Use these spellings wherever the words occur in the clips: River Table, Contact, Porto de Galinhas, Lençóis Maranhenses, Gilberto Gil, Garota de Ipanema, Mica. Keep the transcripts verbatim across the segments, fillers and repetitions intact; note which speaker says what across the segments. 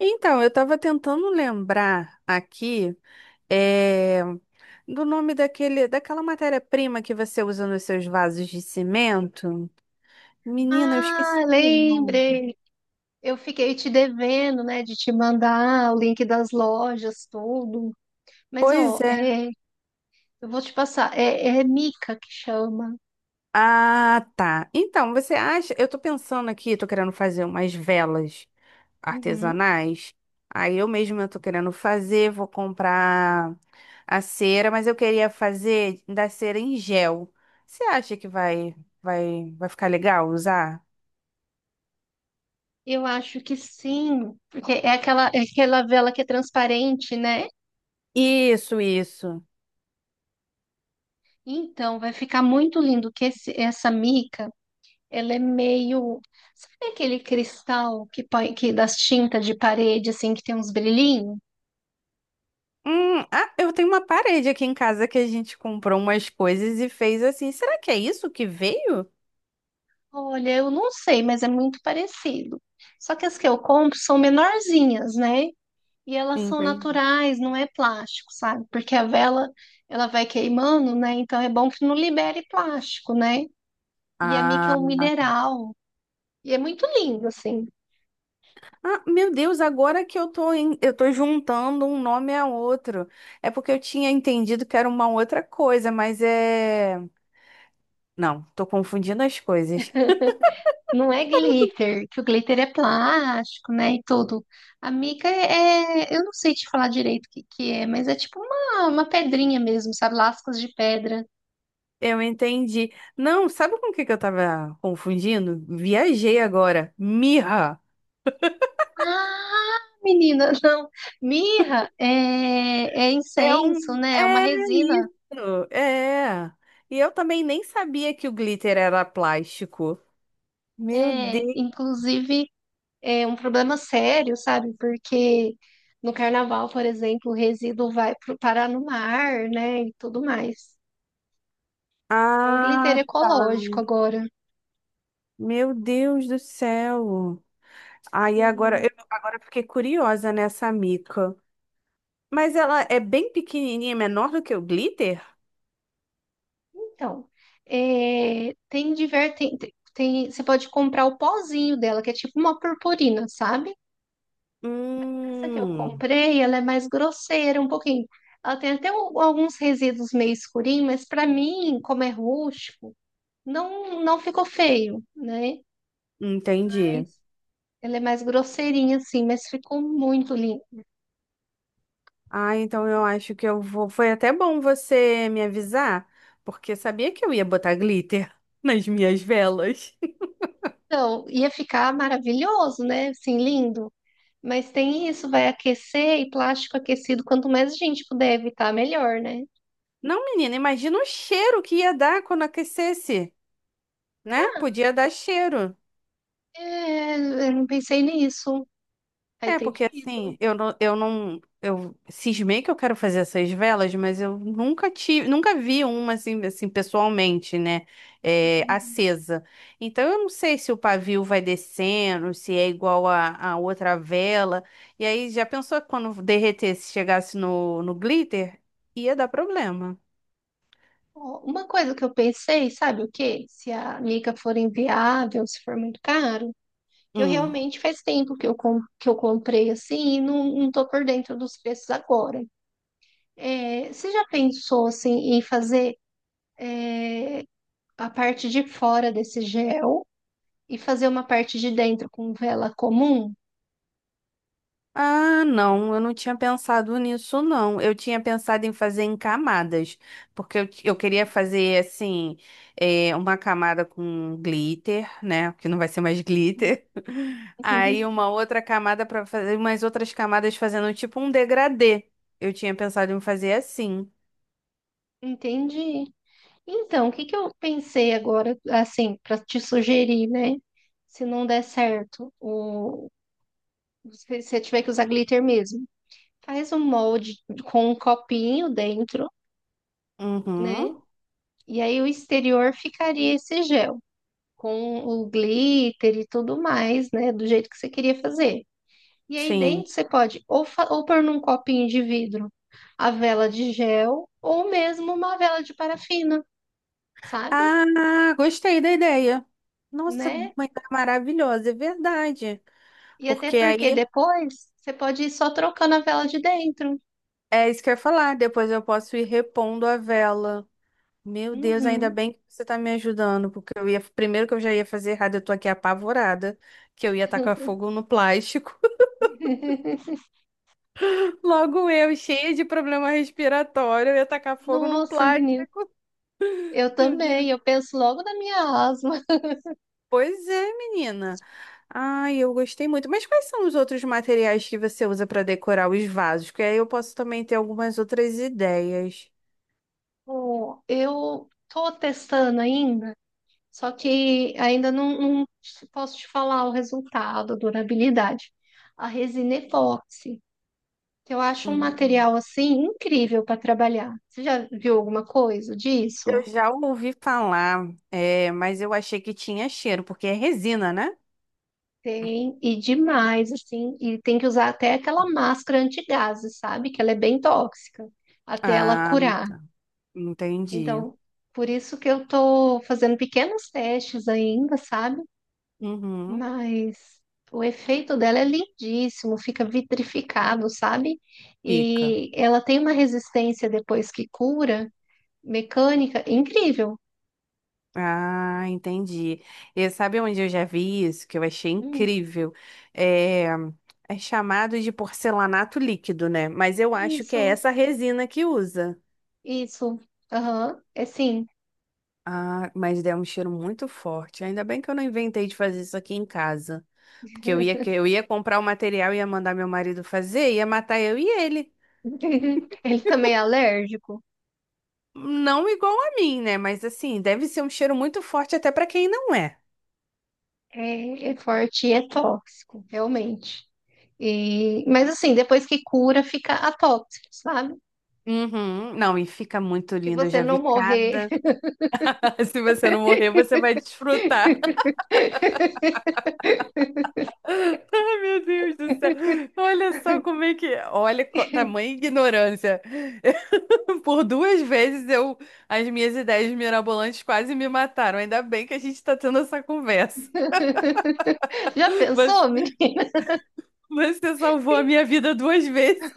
Speaker 1: Então, eu estava tentando lembrar aqui eh, do nome daquele, daquela matéria-prima que você usa nos seus vasos de cimento. Menina, eu esqueci
Speaker 2: Ah,
Speaker 1: o nome.
Speaker 2: lembrei. Eu fiquei te devendo, né, de te mandar o link das lojas, tudo. Mas,
Speaker 1: Pois
Speaker 2: ó,
Speaker 1: é.
Speaker 2: é, eu vou te passar. É, é Mica que chama.
Speaker 1: Ah, tá. Então, você acha? Eu tô pensando aqui, tô querendo fazer umas velas
Speaker 2: Uhum.
Speaker 1: artesanais. Aí eu mesma tô querendo fazer, vou comprar a cera, mas eu queria fazer da cera em gel. Você acha que vai, vai, vai ficar legal usar?
Speaker 2: Eu acho que sim, porque é aquela, é aquela vela que é transparente, né?
Speaker 1: Isso, isso.
Speaker 2: Então, vai ficar muito lindo que esse- essa Mica, ela é meio... Sabe aquele cristal que põe, que das tintas de parede, assim, que tem uns brilhinhos?
Speaker 1: Hum, ah, eu tenho uma parede aqui em casa que a gente comprou umas coisas e fez assim. Será que é isso que veio?
Speaker 2: Olha, eu não sei, mas é muito parecido. Só que as que eu compro são menorzinhas, né? E elas são
Speaker 1: Entendi.
Speaker 2: naturais, não é plástico, sabe? Porque a vela, ela vai queimando, né? Então é bom que não libere plástico, né? E a mica é
Speaker 1: Ah,
Speaker 2: um
Speaker 1: tá.
Speaker 2: mineral. E é muito lindo, assim.
Speaker 1: Ah, meu Deus, agora que eu tô, em- eu tô juntando um nome a outro. É porque eu tinha entendido que era uma outra coisa, mas é. Não, tô confundindo as coisas.
Speaker 2: Não é glitter, que o glitter é plástico, né? E tudo. A mica é, é, eu não sei te falar direito o que que é, mas é tipo uma, uma pedrinha mesmo, sabe? Lascas de pedra.
Speaker 1: Eu entendi. Não, sabe com o que que eu tava confundindo? Viajei agora. Mirra.
Speaker 2: Ah, menina, não. Mirra é, é
Speaker 1: É
Speaker 2: incenso,
Speaker 1: um.
Speaker 2: né? É uma
Speaker 1: É
Speaker 2: resina.
Speaker 1: isso. É. E eu também nem sabia que o glitter era plástico. Meu
Speaker 2: É,
Speaker 1: Deus.
Speaker 2: inclusive, é um problema sério, sabe? Porque no carnaval, por exemplo, o resíduo vai pro, parar no mar, né? E tudo mais. É um glitter
Speaker 1: Ah,
Speaker 2: ecológico agora.
Speaker 1: meu Deus do céu. Aí agora
Speaker 2: Sim.
Speaker 1: eu agora eu fiquei curiosa nessa mica. Mas ela é bem pequenininha, menor do que o glitter?
Speaker 2: Então, é, tem, diver, tem, tem, tem- você pode comprar o pozinho dela, que é tipo uma purpurina, sabe? Essa que eu
Speaker 1: Hum,
Speaker 2: comprei, ela é mais grosseira um pouquinho. Ela tem até um- alguns resíduos meio escurinhos, mas para mim, como é rústico, não, não ficou feio, né? Mas
Speaker 1: entendi.
Speaker 2: ela é mais grosseirinha assim, mas ficou muito lindo.
Speaker 1: Ah, então eu acho que eu vou. Foi até bom você me avisar, porque sabia que eu ia botar glitter nas minhas velas.
Speaker 2: Então, ia ficar maravilhoso, né? Assim, lindo. Mas tem isso, vai aquecer e plástico aquecido, quanto mais a gente puder evitar, melhor, né?
Speaker 1: Não, menina, imagina o cheiro que ia dar quando aquecesse, né? Podia dar cheiro.
Speaker 2: É, eu não pensei nisso. Faz
Speaker 1: É, porque
Speaker 2: sentido.
Speaker 1: assim, eu não, eu não, eu cismei que eu quero fazer essas velas, mas eu nunca tive, nunca vi uma assim, assim pessoalmente, né? É,
Speaker 2: Uhum.
Speaker 1: acesa. Então eu não sei se o pavio vai descendo, se é igual a, a outra vela. E aí já pensou que quando derretesse, chegasse no, no glitter, ia dar problema.
Speaker 2: Uma coisa que eu pensei, sabe o quê? Se a Mica for inviável, se for muito caro, que eu
Speaker 1: Hum.
Speaker 2: realmente faz tempo que eu, com- que eu comprei assim e não, não tô por dentro dos preços agora. É, você já pensou assim em fazer a parte de fora desse gel e fazer uma parte de dentro com vela comum?
Speaker 1: Ah, não, eu não tinha pensado nisso, não. Eu tinha pensado em fazer em camadas, porque eu, eu queria fazer, assim, eh, uma camada com glitter, né? Que não vai ser mais glitter. Aí uma outra camada para fazer, umas outras camadas fazendo tipo um degradê. Eu tinha pensado em fazer assim.
Speaker 2: Entendi. Então, o que que eu pensei agora, assim, para te sugerir, né? Se não der certo, o... se você tiver que usar glitter mesmo. Faz um molde com um copinho dentro, né?
Speaker 1: Uhum,
Speaker 2: E aí o exterior ficaria esse gel, com o glitter e tudo mais, né? Do jeito que você queria fazer. E aí
Speaker 1: sim.
Speaker 2: dentro você pode ou, fa- ou pôr num copinho de vidro a vela de gel, ou mesmo uma vela de parafina, sabe?
Speaker 1: Ah, gostei da ideia. Nossa,
Speaker 2: Né?
Speaker 1: uma ideia maravilhosa, é verdade.
Speaker 2: E até
Speaker 1: Porque
Speaker 2: porque
Speaker 1: aí
Speaker 2: depois você pode ir só trocando a vela de dentro.
Speaker 1: é isso que eu ia falar. Depois eu posso ir repondo a vela. Meu Deus, ainda
Speaker 2: Uhum.
Speaker 1: bem que você tá me ajudando, porque eu ia, primeiro que eu já ia fazer errado, eu tô aqui apavorada, que eu ia tacar fogo no plástico. Logo eu, cheia de problema respiratório, eu ia tacar fogo no
Speaker 2: Nossa, menino.
Speaker 1: plástico.
Speaker 2: Eu
Speaker 1: Meu
Speaker 2: também, eu
Speaker 1: Deus.
Speaker 2: penso logo na minha asa.
Speaker 1: Pois é, menina. Ai, eu gostei muito. Mas quais são os outros materiais que você usa para decorar os vasos? Que aí eu posso também ter algumas outras ideias.
Speaker 2: Bom, eu estou testando ainda, só que ainda não, não te- posso te falar o resultado, a durabilidade. A resina epóxi, que eu acho um
Speaker 1: Hum.
Speaker 2: material assim incrível para trabalhar. Você já viu alguma coisa
Speaker 1: Eu
Speaker 2: disso?
Speaker 1: já ouvi falar, é, mas eu achei que tinha cheiro, porque é resina, né?
Speaker 2: Tem, e demais, assim, e tem que usar até aquela máscara antigases, sabe? Que ela é bem tóxica, até ela
Speaker 1: Ah,
Speaker 2: curar.
Speaker 1: entendi.
Speaker 2: Então, por isso que eu tô fazendo pequenos testes ainda, sabe?
Speaker 1: Uhum,
Speaker 2: Mas o efeito dela é lindíssimo, fica vitrificado, sabe?
Speaker 1: fica.
Speaker 2: E ela tem uma resistência depois que cura, mecânica, incrível.
Speaker 1: Ah, entendi. E sabe onde eu já vi isso, que eu achei
Speaker 2: Hum,
Speaker 1: incrível? É, é chamado de porcelanato líquido, né? Mas eu acho que é
Speaker 2: isso,
Speaker 1: essa resina que usa.
Speaker 2: isso. Aham, é sim.
Speaker 1: Ah, mas deu um cheiro muito forte. Ainda bem que eu não inventei de fazer isso aqui em casa. Porque eu ia, que- eu ia comprar o material, ia mandar meu marido fazer, ia matar eu e ele.
Speaker 2: Ele também é alérgico.
Speaker 1: Não igual a mim, né? Mas assim, deve ser um cheiro muito forte até pra quem não é.
Speaker 2: É, é forte e é tóxico, realmente. E, mas assim, depois que cura, fica atóxico, sabe?
Speaker 1: Uhum. Não, e fica muito
Speaker 2: Se
Speaker 1: lindo. Eu
Speaker 2: você
Speaker 1: já
Speaker 2: não
Speaker 1: vi
Speaker 2: morrer.
Speaker 1: cada. Se você não morrer, você vai desfrutar. Ai, meu Deus do céu. Olha só como é que. Olha, co- tamanha ignorância. Por duas vezes eu... as minhas ideias mirabolantes quase me mataram. Ainda bem que a gente está tendo essa conversa.
Speaker 2: Já pensou,
Speaker 1: Você,
Speaker 2: menina?
Speaker 1: você salvou a minha vida duas vezes.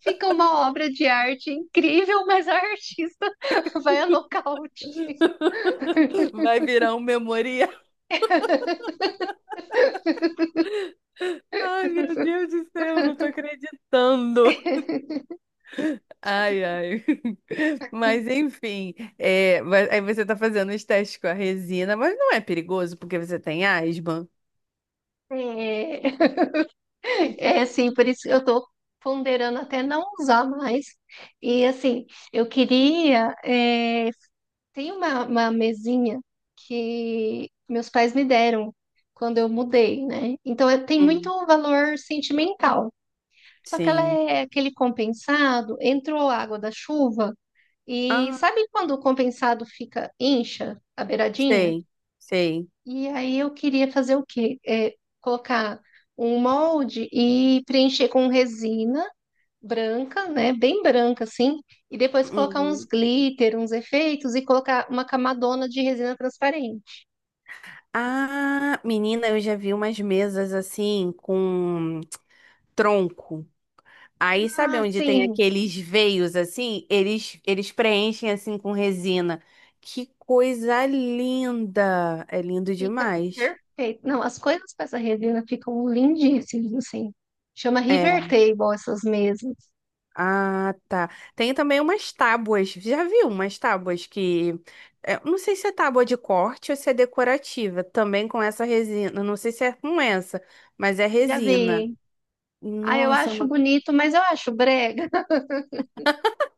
Speaker 2: Fica uma obra de arte incrível, mas a artista vai a nocaute.
Speaker 1: Vai virar um memorial. Ai, meu Deus do céu, não tô acreditando. Ai, ai. Mas enfim, é, mas aí você tá fazendo os testes com a resina, mas não é perigoso porque você tem asma?
Speaker 2: É, é assim, por isso que eu tô ponderando até não usar mais. E assim, eu queria. é, tem uma, uma mesinha que meus pais me deram quando eu mudei, né? Então eu- tem muito
Speaker 1: Hum,
Speaker 2: valor sentimental. Só que ela
Speaker 1: sim.
Speaker 2: é aquele compensado, entrou água da chuva. E
Speaker 1: Ah,
Speaker 2: sabe quando o compensado fica incha a beiradinha?
Speaker 1: sei, sei.
Speaker 2: E aí eu queria fazer o quê? É, colocar um molde e preencher com resina branca, né? Bem branca assim, e depois colocar uns
Speaker 1: Uhum.
Speaker 2: glitter, uns efeitos e colocar uma camadona de resina transparente.
Speaker 1: Ah, menina, eu já vi umas mesas assim com tronco. Aí sabe
Speaker 2: Ah,
Speaker 1: onde tem
Speaker 2: sim,
Speaker 1: aqueles veios assim? Eles eles preenchem assim com resina. Que coisa linda! É lindo
Speaker 2: fica
Speaker 1: demais.
Speaker 2: perfeito. Não, as coisas com essa resina ficam lindíssimas assim. Chama
Speaker 1: É.
Speaker 2: River Table essas mesas.
Speaker 1: Ah, tá. Tem também umas tábuas. Já viu umas tábuas que é, não sei se é tábua de corte ou se é decorativa, também com essa resina. Não sei se é com essa, mas é
Speaker 2: Já
Speaker 1: resina.
Speaker 2: vi. Ah, eu
Speaker 1: Nossa, é
Speaker 2: acho
Speaker 1: uma.
Speaker 2: bonito, mas eu acho brega.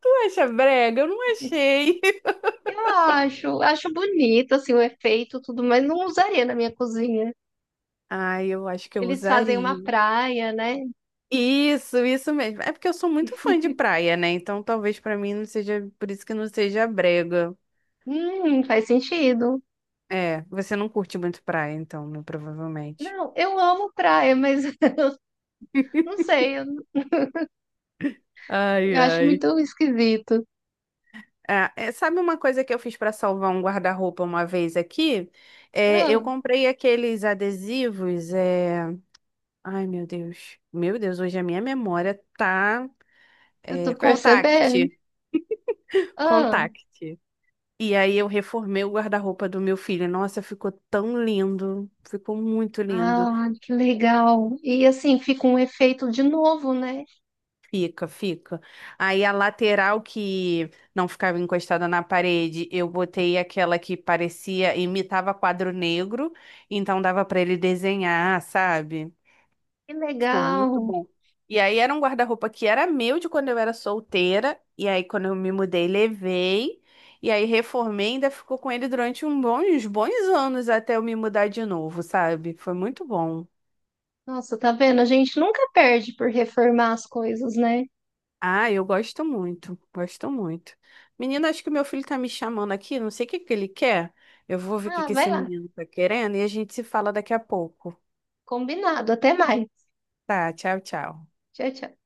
Speaker 1: Tu acha brega? Eu não achei.
Speaker 2: Eu acho, acho bonito assim o efeito, tudo, mas não usaria na minha cozinha.
Speaker 1: Ai, eu acho que eu
Speaker 2: Eles fazem uma
Speaker 1: usaria.
Speaker 2: praia, né?
Speaker 1: Isso, isso mesmo. É porque eu sou muito fã de praia, né? Então talvez pra mim não seja, por isso que não seja brega.
Speaker 2: Hum, faz sentido.
Speaker 1: É, você não curte muito praia, então, né? Provavelmente.
Speaker 2: Não, eu amo praia, mas não sei, eu,
Speaker 1: Ai,
Speaker 2: eu acho
Speaker 1: ai.
Speaker 2: muito esquisito.
Speaker 1: Ah, é, sabe uma coisa que eu fiz para salvar um guarda-roupa uma vez aqui? É, eu
Speaker 2: Ah,
Speaker 1: comprei aqueles adesivos. É... Ai, meu Deus. Meu Deus, hoje a minha memória tá.
Speaker 2: eu
Speaker 1: É...
Speaker 2: tô percebendo.
Speaker 1: Contact.
Speaker 2: Ah,
Speaker 1: Contact. E aí eu reformei o guarda-roupa do meu filho. Nossa, ficou tão lindo. Ficou muito lindo.
Speaker 2: ah, que legal. E assim fica um efeito de novo, né?
Speaker 1: Fica, fica. Aí a lateral que não ficava encostada na parede, eu botei aquela que parecia, imitava quadro negro, então dava pra ele desenhar, sabe?
Speaker 2: Que
Speaker 1: Ficou muito
Speaker 2: legal.
Speaker 1: bom. E aí era um guarda-roupa que era meu de quando eu era solteira. E aí quando eu me mudei, levei. E aí reformei, ainda ficou com ele durante um bom- uns bons anos até eu me mudar de novo, sabe? Foi muito bom.
Speaker 2: Nossa, tá vendo? A gente nunca perde por reformar as coisas, né?
Speaker 1: Ah, eu gosto muito, gosto muito. Menina, acho que o meu filho tá me chamando aqui, não sei o que que ele quer. Eu vou ver o que
Speaker 2: Ah,
Speaker 1: que
Speaker 2: vai
Speaker 1: esse
Speaker 2: lá.
Speaker 1: menino tá querendo e a gente se fala daqui a pouco.
Speaker 2: Combinado. Até mais.
Speaker 1: Tá, tchau, tchau.
Speaker 2: Tchau, tchau.